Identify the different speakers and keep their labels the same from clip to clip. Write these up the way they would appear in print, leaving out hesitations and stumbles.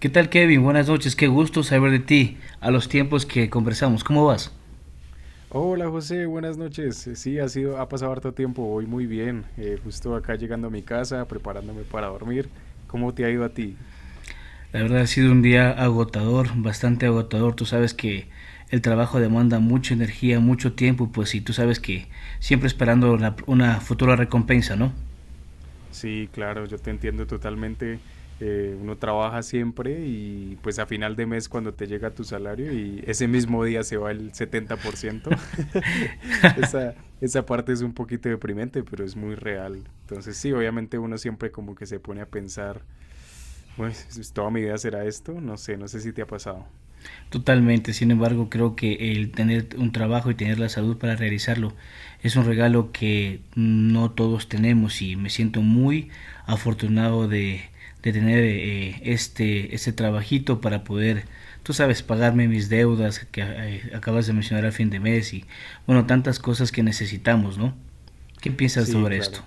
Speaker 1: ¿Qué tal, Kevin? Buenas noches, qué gusto saber de ti a los tiempos que conversamos. ¿Cómo vas?
Speaker 2: Hola José, buenas noches. Sí, ha sido, ha pasado harto tiempo, voy muy bien. Justo acá llegando a mi casa, preparándome para dormir. ¿Cómo te ha ido a ti?
Speaker 1: La verdad ha sido un día agotador, bastante agotador. Tú sabes que el trabajo demanda mucha energía, mucho tiempo, pues y tú sabes que siempre esperando una futura recompensa, ¿no?
Speaker 2: Sí, claro, yo te entiendo totalmente. Uno trabaja siempre y pues a final de mes cuando te llega tu salario y ese mismo día se va el 70%. Esa, esa parte es un poquito deprimente, pero es muy real. Entonces sí, obviamente uno siempre como que se pone a pensar, pues toda mi vida será esto. No sé, no sé si te ha pasado.
Speaker 1: Totalmente, sin embargo, creo que el tener un trabajo y tener la salud para realizarlo es un regalo que no todos tenemos y me siento muy afortunado de tener este trabajito para poder, tú sabes, pagarme mis deudas que acabas de mencionar al fin de mes y, bueno, tantas cosas que necesitamos, ¿no? ¿Qué piensas
Speaker 2: Sí,
Speaker 1: sobre esto?
Speaker 2: claro.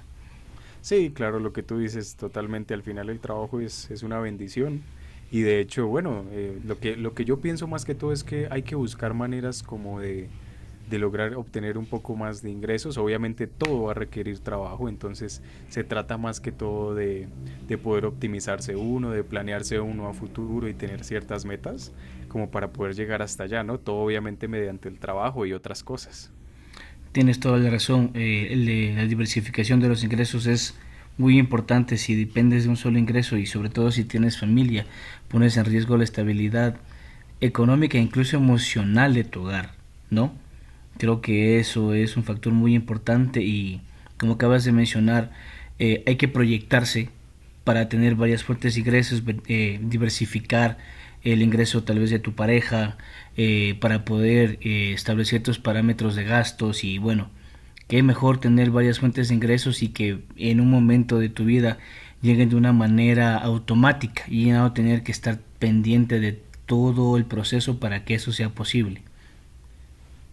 Speaker 2: Sí, claro, lo que tú dices totalmente. Al final el trabajo es una bendición. Y de hecho, bueno, lo que yo pienso más que todo es que hay que buscar maneras como de lograr obtener un poco más de ingresos. Obviamente todo va a requerir trabajo, entonces se trata más que todo de poder optimizarse uno, de planearse uno a futuro y tener ciertas metas como para poder llegar hasta allá, ¿no? Todo obviamente mediante el trabajo y otras cosas.
Speaker 1: Tienes toda la razón. La diversificación de los ingresos es muy importante. Si dependes de un solo ingreso y sobre todo si tienes familia, pones en riesgo la estabilidad económica e incluso emocional de tu hogar, ¿no? Creo que eso es un factor muy importante y como acabas de mencionar, hay que proyectarse para tener varias fuentes de ingresos, diversificar el ingreso tal vez de tu pareja, para poder establecer tus parámetros de gastos y bueno, qué mejor tener varias fuentes de ingresos y que en un momento de tu vida lleguen de una manera automática y no tener que estar pendiente de todo el proceso para que eso sea posible.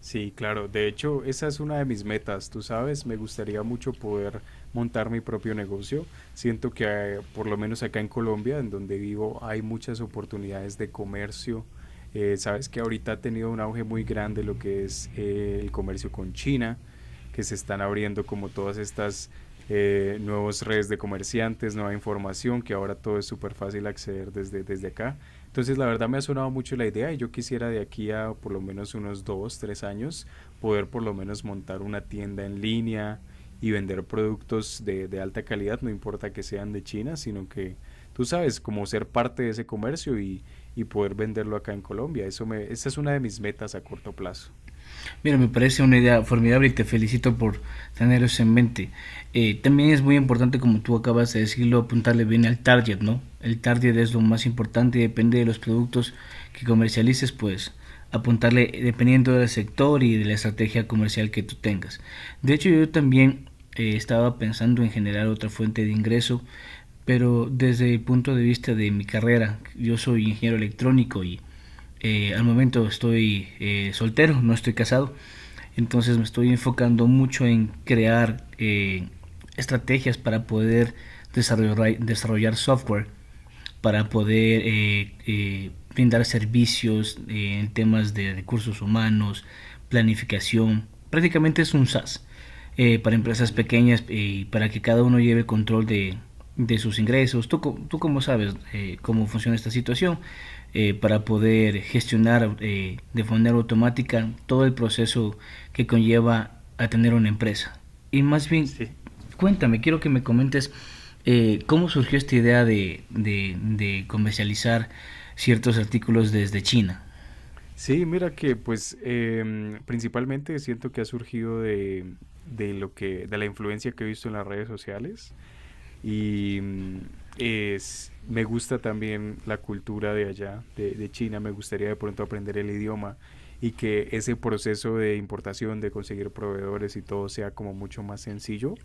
Speaker 2: Sí, claro. De hecho, esa es una de mis metas, tú sabes, me gustaría mucho poder montar mi propio negocio. Siento que por lo menos acá en Colombia, en donde vivo, hay muchas oportunidades de comercio. Sabes que ahorita ha tenido un auge muy grande lo que es el comercio con China, que se están abriendo como todas estas nuevas redes de comerciantes, nueva información, que ahora todo es súper fácil acceder desde acá. Entonces, la verdad me ha sonado mucho la idea y yo quisiera de aquí a por lo menos unos dos, tres años poder por lo menos montar una tienda en línea y vender productos de alta calidad, no importa que sean de China, sino que tú sabes, como ser parte de ese comercio y poder venderlo acá en Colombia. Esa es una de mis metas a corto plazo.
Speaker 1: Mira, me parece una idea formidable y te felicito por tener eso en mente. También es muy importante, como tú acabas de decirlo, apuntarle bien al target, ¿no? El target es lo más importante y depende de los productos que comercialices, pues apuntarle dependiendo del sector y de la estrategia comercial que tú tengas. De hecho, yo también estaba pensando en generar otra fuente de ingreso, pero desde el punto de vista de mi carrera, yo soy ingeniero electrónico y al momento estoy soltero, no estoy casado, entonces me estoy enfocando mucho en crear estrategias para poder desarrollar software, para poder brindar servicios en temas de recursos humanos, planificación, prácticamente es un SaaS para empresas
Speaker 2: Ujú.
Speaker 1: pequeñas y para que cada uno lleve control de sus ingresos. Tú cómo sabes cómo funciona esta situación para poder gestionar de manera automática todo el proceso que conlleva a tener una empresa. Y más bien,
Speaker 2: Sí,
Speaker 1: cuéntame, quiero que me comentes cómo surgió esta idea de comercializar ciertos artículos desde China.
Speaker 2: sí, mira que pues principalmente siento que ha surgido de lo que, de la influencia que he visto en las redes sociales. Y es, me gusta también la cultura de allá, de China. Me gustaría de pronto aprender el idioma y que ese proceso de importación, de conseguir proveedores y todo sea como mucho más sencillo.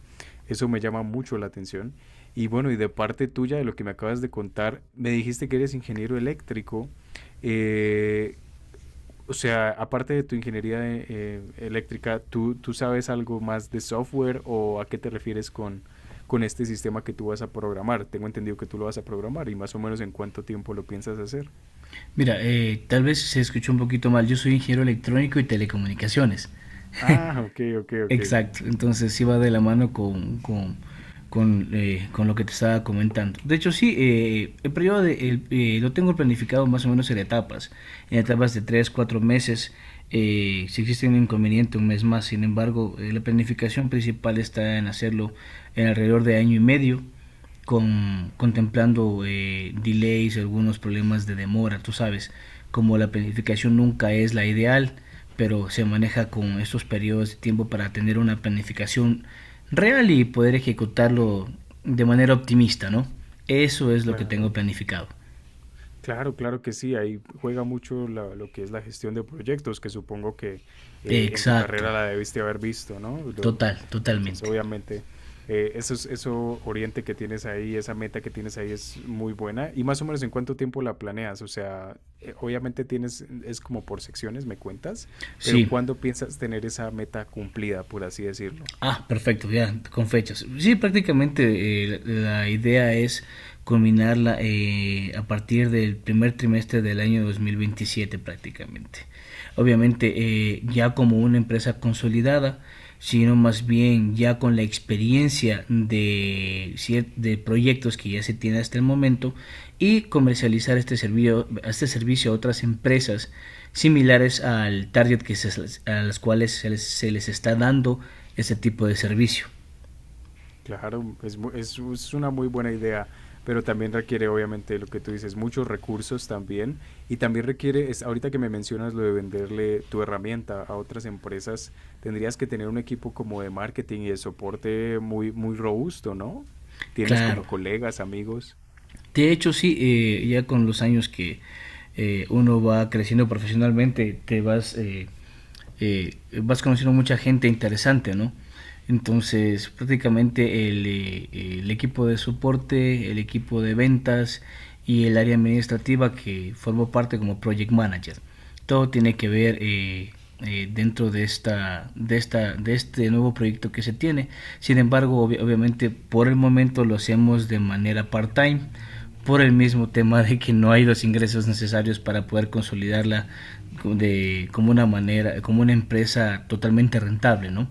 Speaker 2: Eso me llama mucho la atención. Y bueno, y de parte tuya, de lo que me acabas de contar, me dijiste que eres ingeniero eléctrico. Eh, o sea, aparte de tu ingeniería de, eléctrica, ¿tú sabes algo más de software o a qué te refieres con este sistema que tú vas a programar? Tengo entendido que tú lo vas a programar y más o menos en cuánto tiempo lo piensas hacer.
Speaker 1: Mira, tal vez se escuchó un poquito mal, yo soy ingeniero electrónico y telecomunicaciones.
Speaker 2: Ah, ok, ok, ok.
Speaker 1: Exacto, entonces iba de la mano con con lo que te estaba comentando. De hecho, sí, lo tengo planificado más o menos en etapas de 3 4 meses. Si existe un inconveniente, un mes más. Sin embargo, la planificación principal está en hacerlo en alrededor de año y medio contemplando delays, algunos problemas de demora, tú sabes, como la planificación nunca es la ideal, pero se maneja con estos periodos de tiempo para tener una planificación real y poder ejecutarlo de manera optimista, ¿no? Eso es lo que
Speaker 2: Claro,
Speaker 1: tengo planificado.
Speaker 2: claro, claro que sí, ahí juega mucho la- lo que es la gestión de proyectos, que supongo que en tu
Speaker 1: Exacto,
Speaker 2: carrera la debiste haber visto, ¿no? Lo- entonces,
Speaker 1: totalmente.
Speaker 2: obviamente, eso, es- eso oriente que tienes ahí, esa meta que tienes ahí es muy buena. ¿Y más o menos en cuánto tiempo la planeas? O sea, obviamente tienes, es como por secciones, me cuentas, pero
Speaker 1: Sí.
Speaker 2: ¿cuándo piensas tener esa meta cumplida, por así decirlo?
Speaker 1: Ah, perfecto, ya, con fechas. Sí, prácticamente la idea es culminarla a partir del primer trimestre del año 2027 prácticamente. Obviamente ya como una empresa consolidada, sino más bien ya con la experiencia de proyectos que ya se tiene hasta el momento y comercializar este servicio a otras empresas similares al target a las cuales se les está dando ese tipo de servicio.
Speaker 2: Claro, mu- es una muy buena idea, pero también requiere, obviamente, lo que tú dices, muchos recursos también. Y también requiere, es, ahorita que me mencionas lo de venderle tu herramienta a otras empresas, tendrías que tener un equipo como de marketing y de soporte muy, muy robusto, ¿no? Tienes
Speaker 1: Claro.
Speaker 2: como colegas, amigos.
Speaker 1: De hecho, sí, ya con los años que uno va creciendo profesionalmente, te vas, eh, vas conociendo mucha gente interesante, ¿no? Entonces, prácticamente el equipo de soporte, el equipo de ventas y el área administrativa que formó parte como project manager, ¿no? Todo tiene que ver dentro de de este nuevo proyecto que se tiene. Sin embargo, ob obviamente por el momento lo hacemos de manera part-time por el mismo tema de que no hay los ingresos necesarios para poder consolidarla de, como una manera, como una empresa totalmente rentable, ¿no?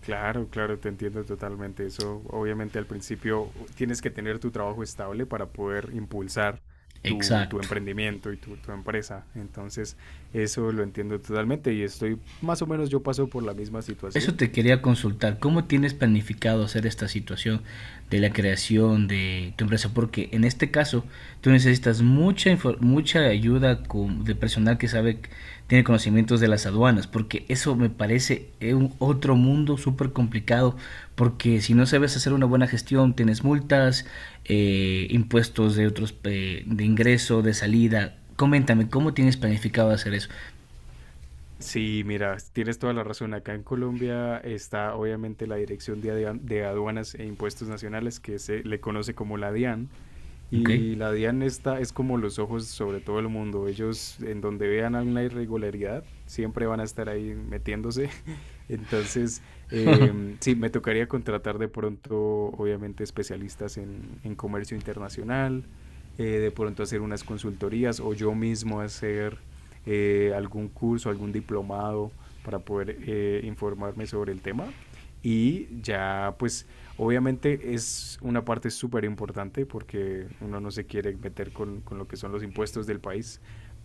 Speaker 2: Claro, claro, te entiendo totalmente. Eso, obviamente, al principio tienes que tener tu trabajo estable para poder impulsar tu
Speaker 1: Exacto.
Speaker 2: emprendimiento y tu empresa. Entonces, eso lo entiendo totalmente y estoy, más o menos, yo paso por la misma
Speaker 1: Eso
Speaker 2: situación.
Speaker 1: te quería consultar, ¿cómo tienes planificado hacer esta situación de la creación de tu empresa? Porque en este caso tú necesitas mucha ayuda de personal que sabe, tiene conocimientos de las aduanas, porque eso me parece un otro mundo súper complicado, porque si no sabes hacer una buena gestión, tienes multas, impuestos de otros, de ingreso, de salida. Coméntame, ¿cómo tienes planificado hacer eso?
Speaker 2: Sí, mira, tienes toda la razón. Acá en Colombia está, obviamente, la Dirección de de Aduanas e Impuestos Nacionales, que se le conoce como la DIAN.
Speaker 1: ¿Ok?
Speaker 2: Y la DIAN está, es como los ojos sobre todo el mundo. Ellos, en donde vean alguna irregularidad, siempre van a estar ahí metiéndose entonces, sí, me tocaría contratar de pronto, obviamente, especialistas en comercio internacional, de pronto hacer unas consultorías o yo mismo hacer algún curso, algún diplomado para poder informarme sobre el tema. Y ya, pues, obviamente es una parte súper importante porque uno no se quiere meter con lo que son los impuestos del país,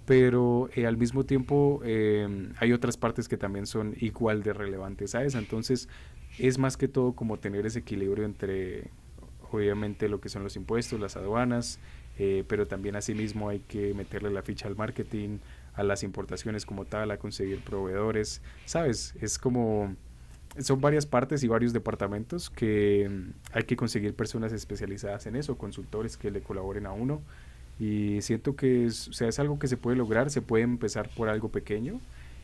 Speaker 2: pero al mismo tiempo hay otras partes que también son igual de relevantes a esa. Entonces, es más que todo como tener ese equilibrio entre, obviamente, lo que son los impuestos, las aduanas, pero también asimismo hay que meterle la ficha al marketing, a las importaciones como tal, a conseguir proveedores, ¿sabes? Es como... Son varias partes y varios departamentos que hay que conseguir personas especializadas en eso, consultores que le colaboren a uno y siento que es, o sea, es algo que se puede lograr, se puede empezar por algo pequeño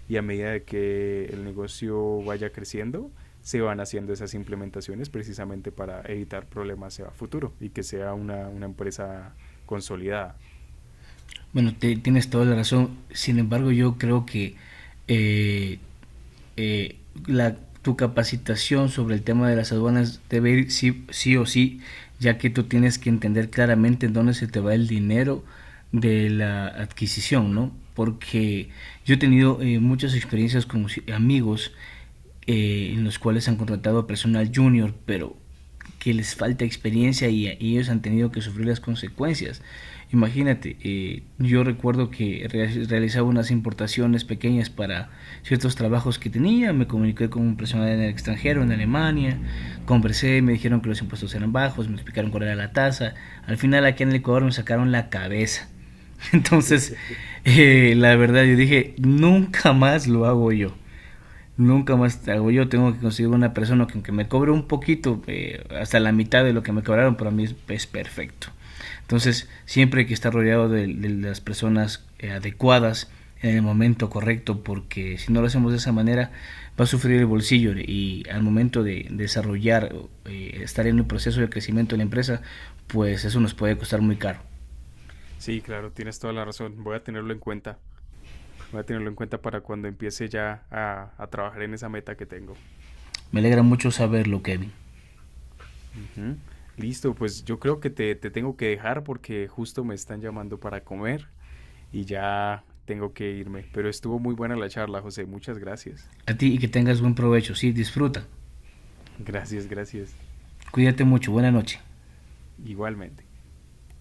Speaker 2: y a medida de que el negocio vaya creciendo, se van haciendo esas implementaciones precisamente para evitar problemas a futuro y que sea una empresa consolidada.
Speaker 1: Bueno, tienes toda la razón. Sin embargo, yo creo que eh, eh, la, tu capacitación sobre el tema de las aduanas debe ir sí, sí o sí, ya que tú tienes que entender claramente en dónde se te va el dinero de la adquisición, ¿no? Porque yo he tenido muchas experiencias con amigos en los cuales han contratado a personal junior, pero que les falta experiencia y ellos han tenido que sufrir las consecuencias. Imagínate, yo recuerdo que realizaba unas importaciones pequeñas para ciertos trabajos que tenía, me comuniqué con un personal en el extranjero, en Alemania, conversé, me dijeron que los impuestos eran bajos, me explicaron cuál era la tasa, al final aquí en el Ecuador me sacaron la cabeza. Entonces, la verdad, yo dije, nunca más lo hago yo. Nunca más te hago yo, tengo que conseguir una persona que aunque me cobre un poquito, hasta la mitad de lo que me cobraron, para mí es perfecto. Entonces, siempre hay que estar rodeado de las personas adecuadas en el momento correcto, porque si no lo hacemos de esa manera, va a sufrir el bolsillo y al momento de desarrollar, estar en un proceso de crecimiento de la empresa, pues eso nos puede costar muy caro.
Speaker 2: Sí, claro, tienes toda la razón. Voy a tenerlo en cuenta. Voy a tenerlo en cuenta para cuando empiece ya a trabajar en esa meta que tengo.
Speaker 1: Me alegra mucho saberlo, Kevin.
Speaker 2: Ujú. Listo, pues yo creo que te tengo que dejar porque justo me están llamando para comer. Y ya tengo que irme. Pero estuvo muy buena la charla, José. Muchas gracias.
Speaker 1: A ti y que tengas buen provecho. Sí, disfruta.
Speaker 2: Gracias, gracias.
Speaker 1: Cuídate mucho. Buena noche.
Speaker 2: Igualmente.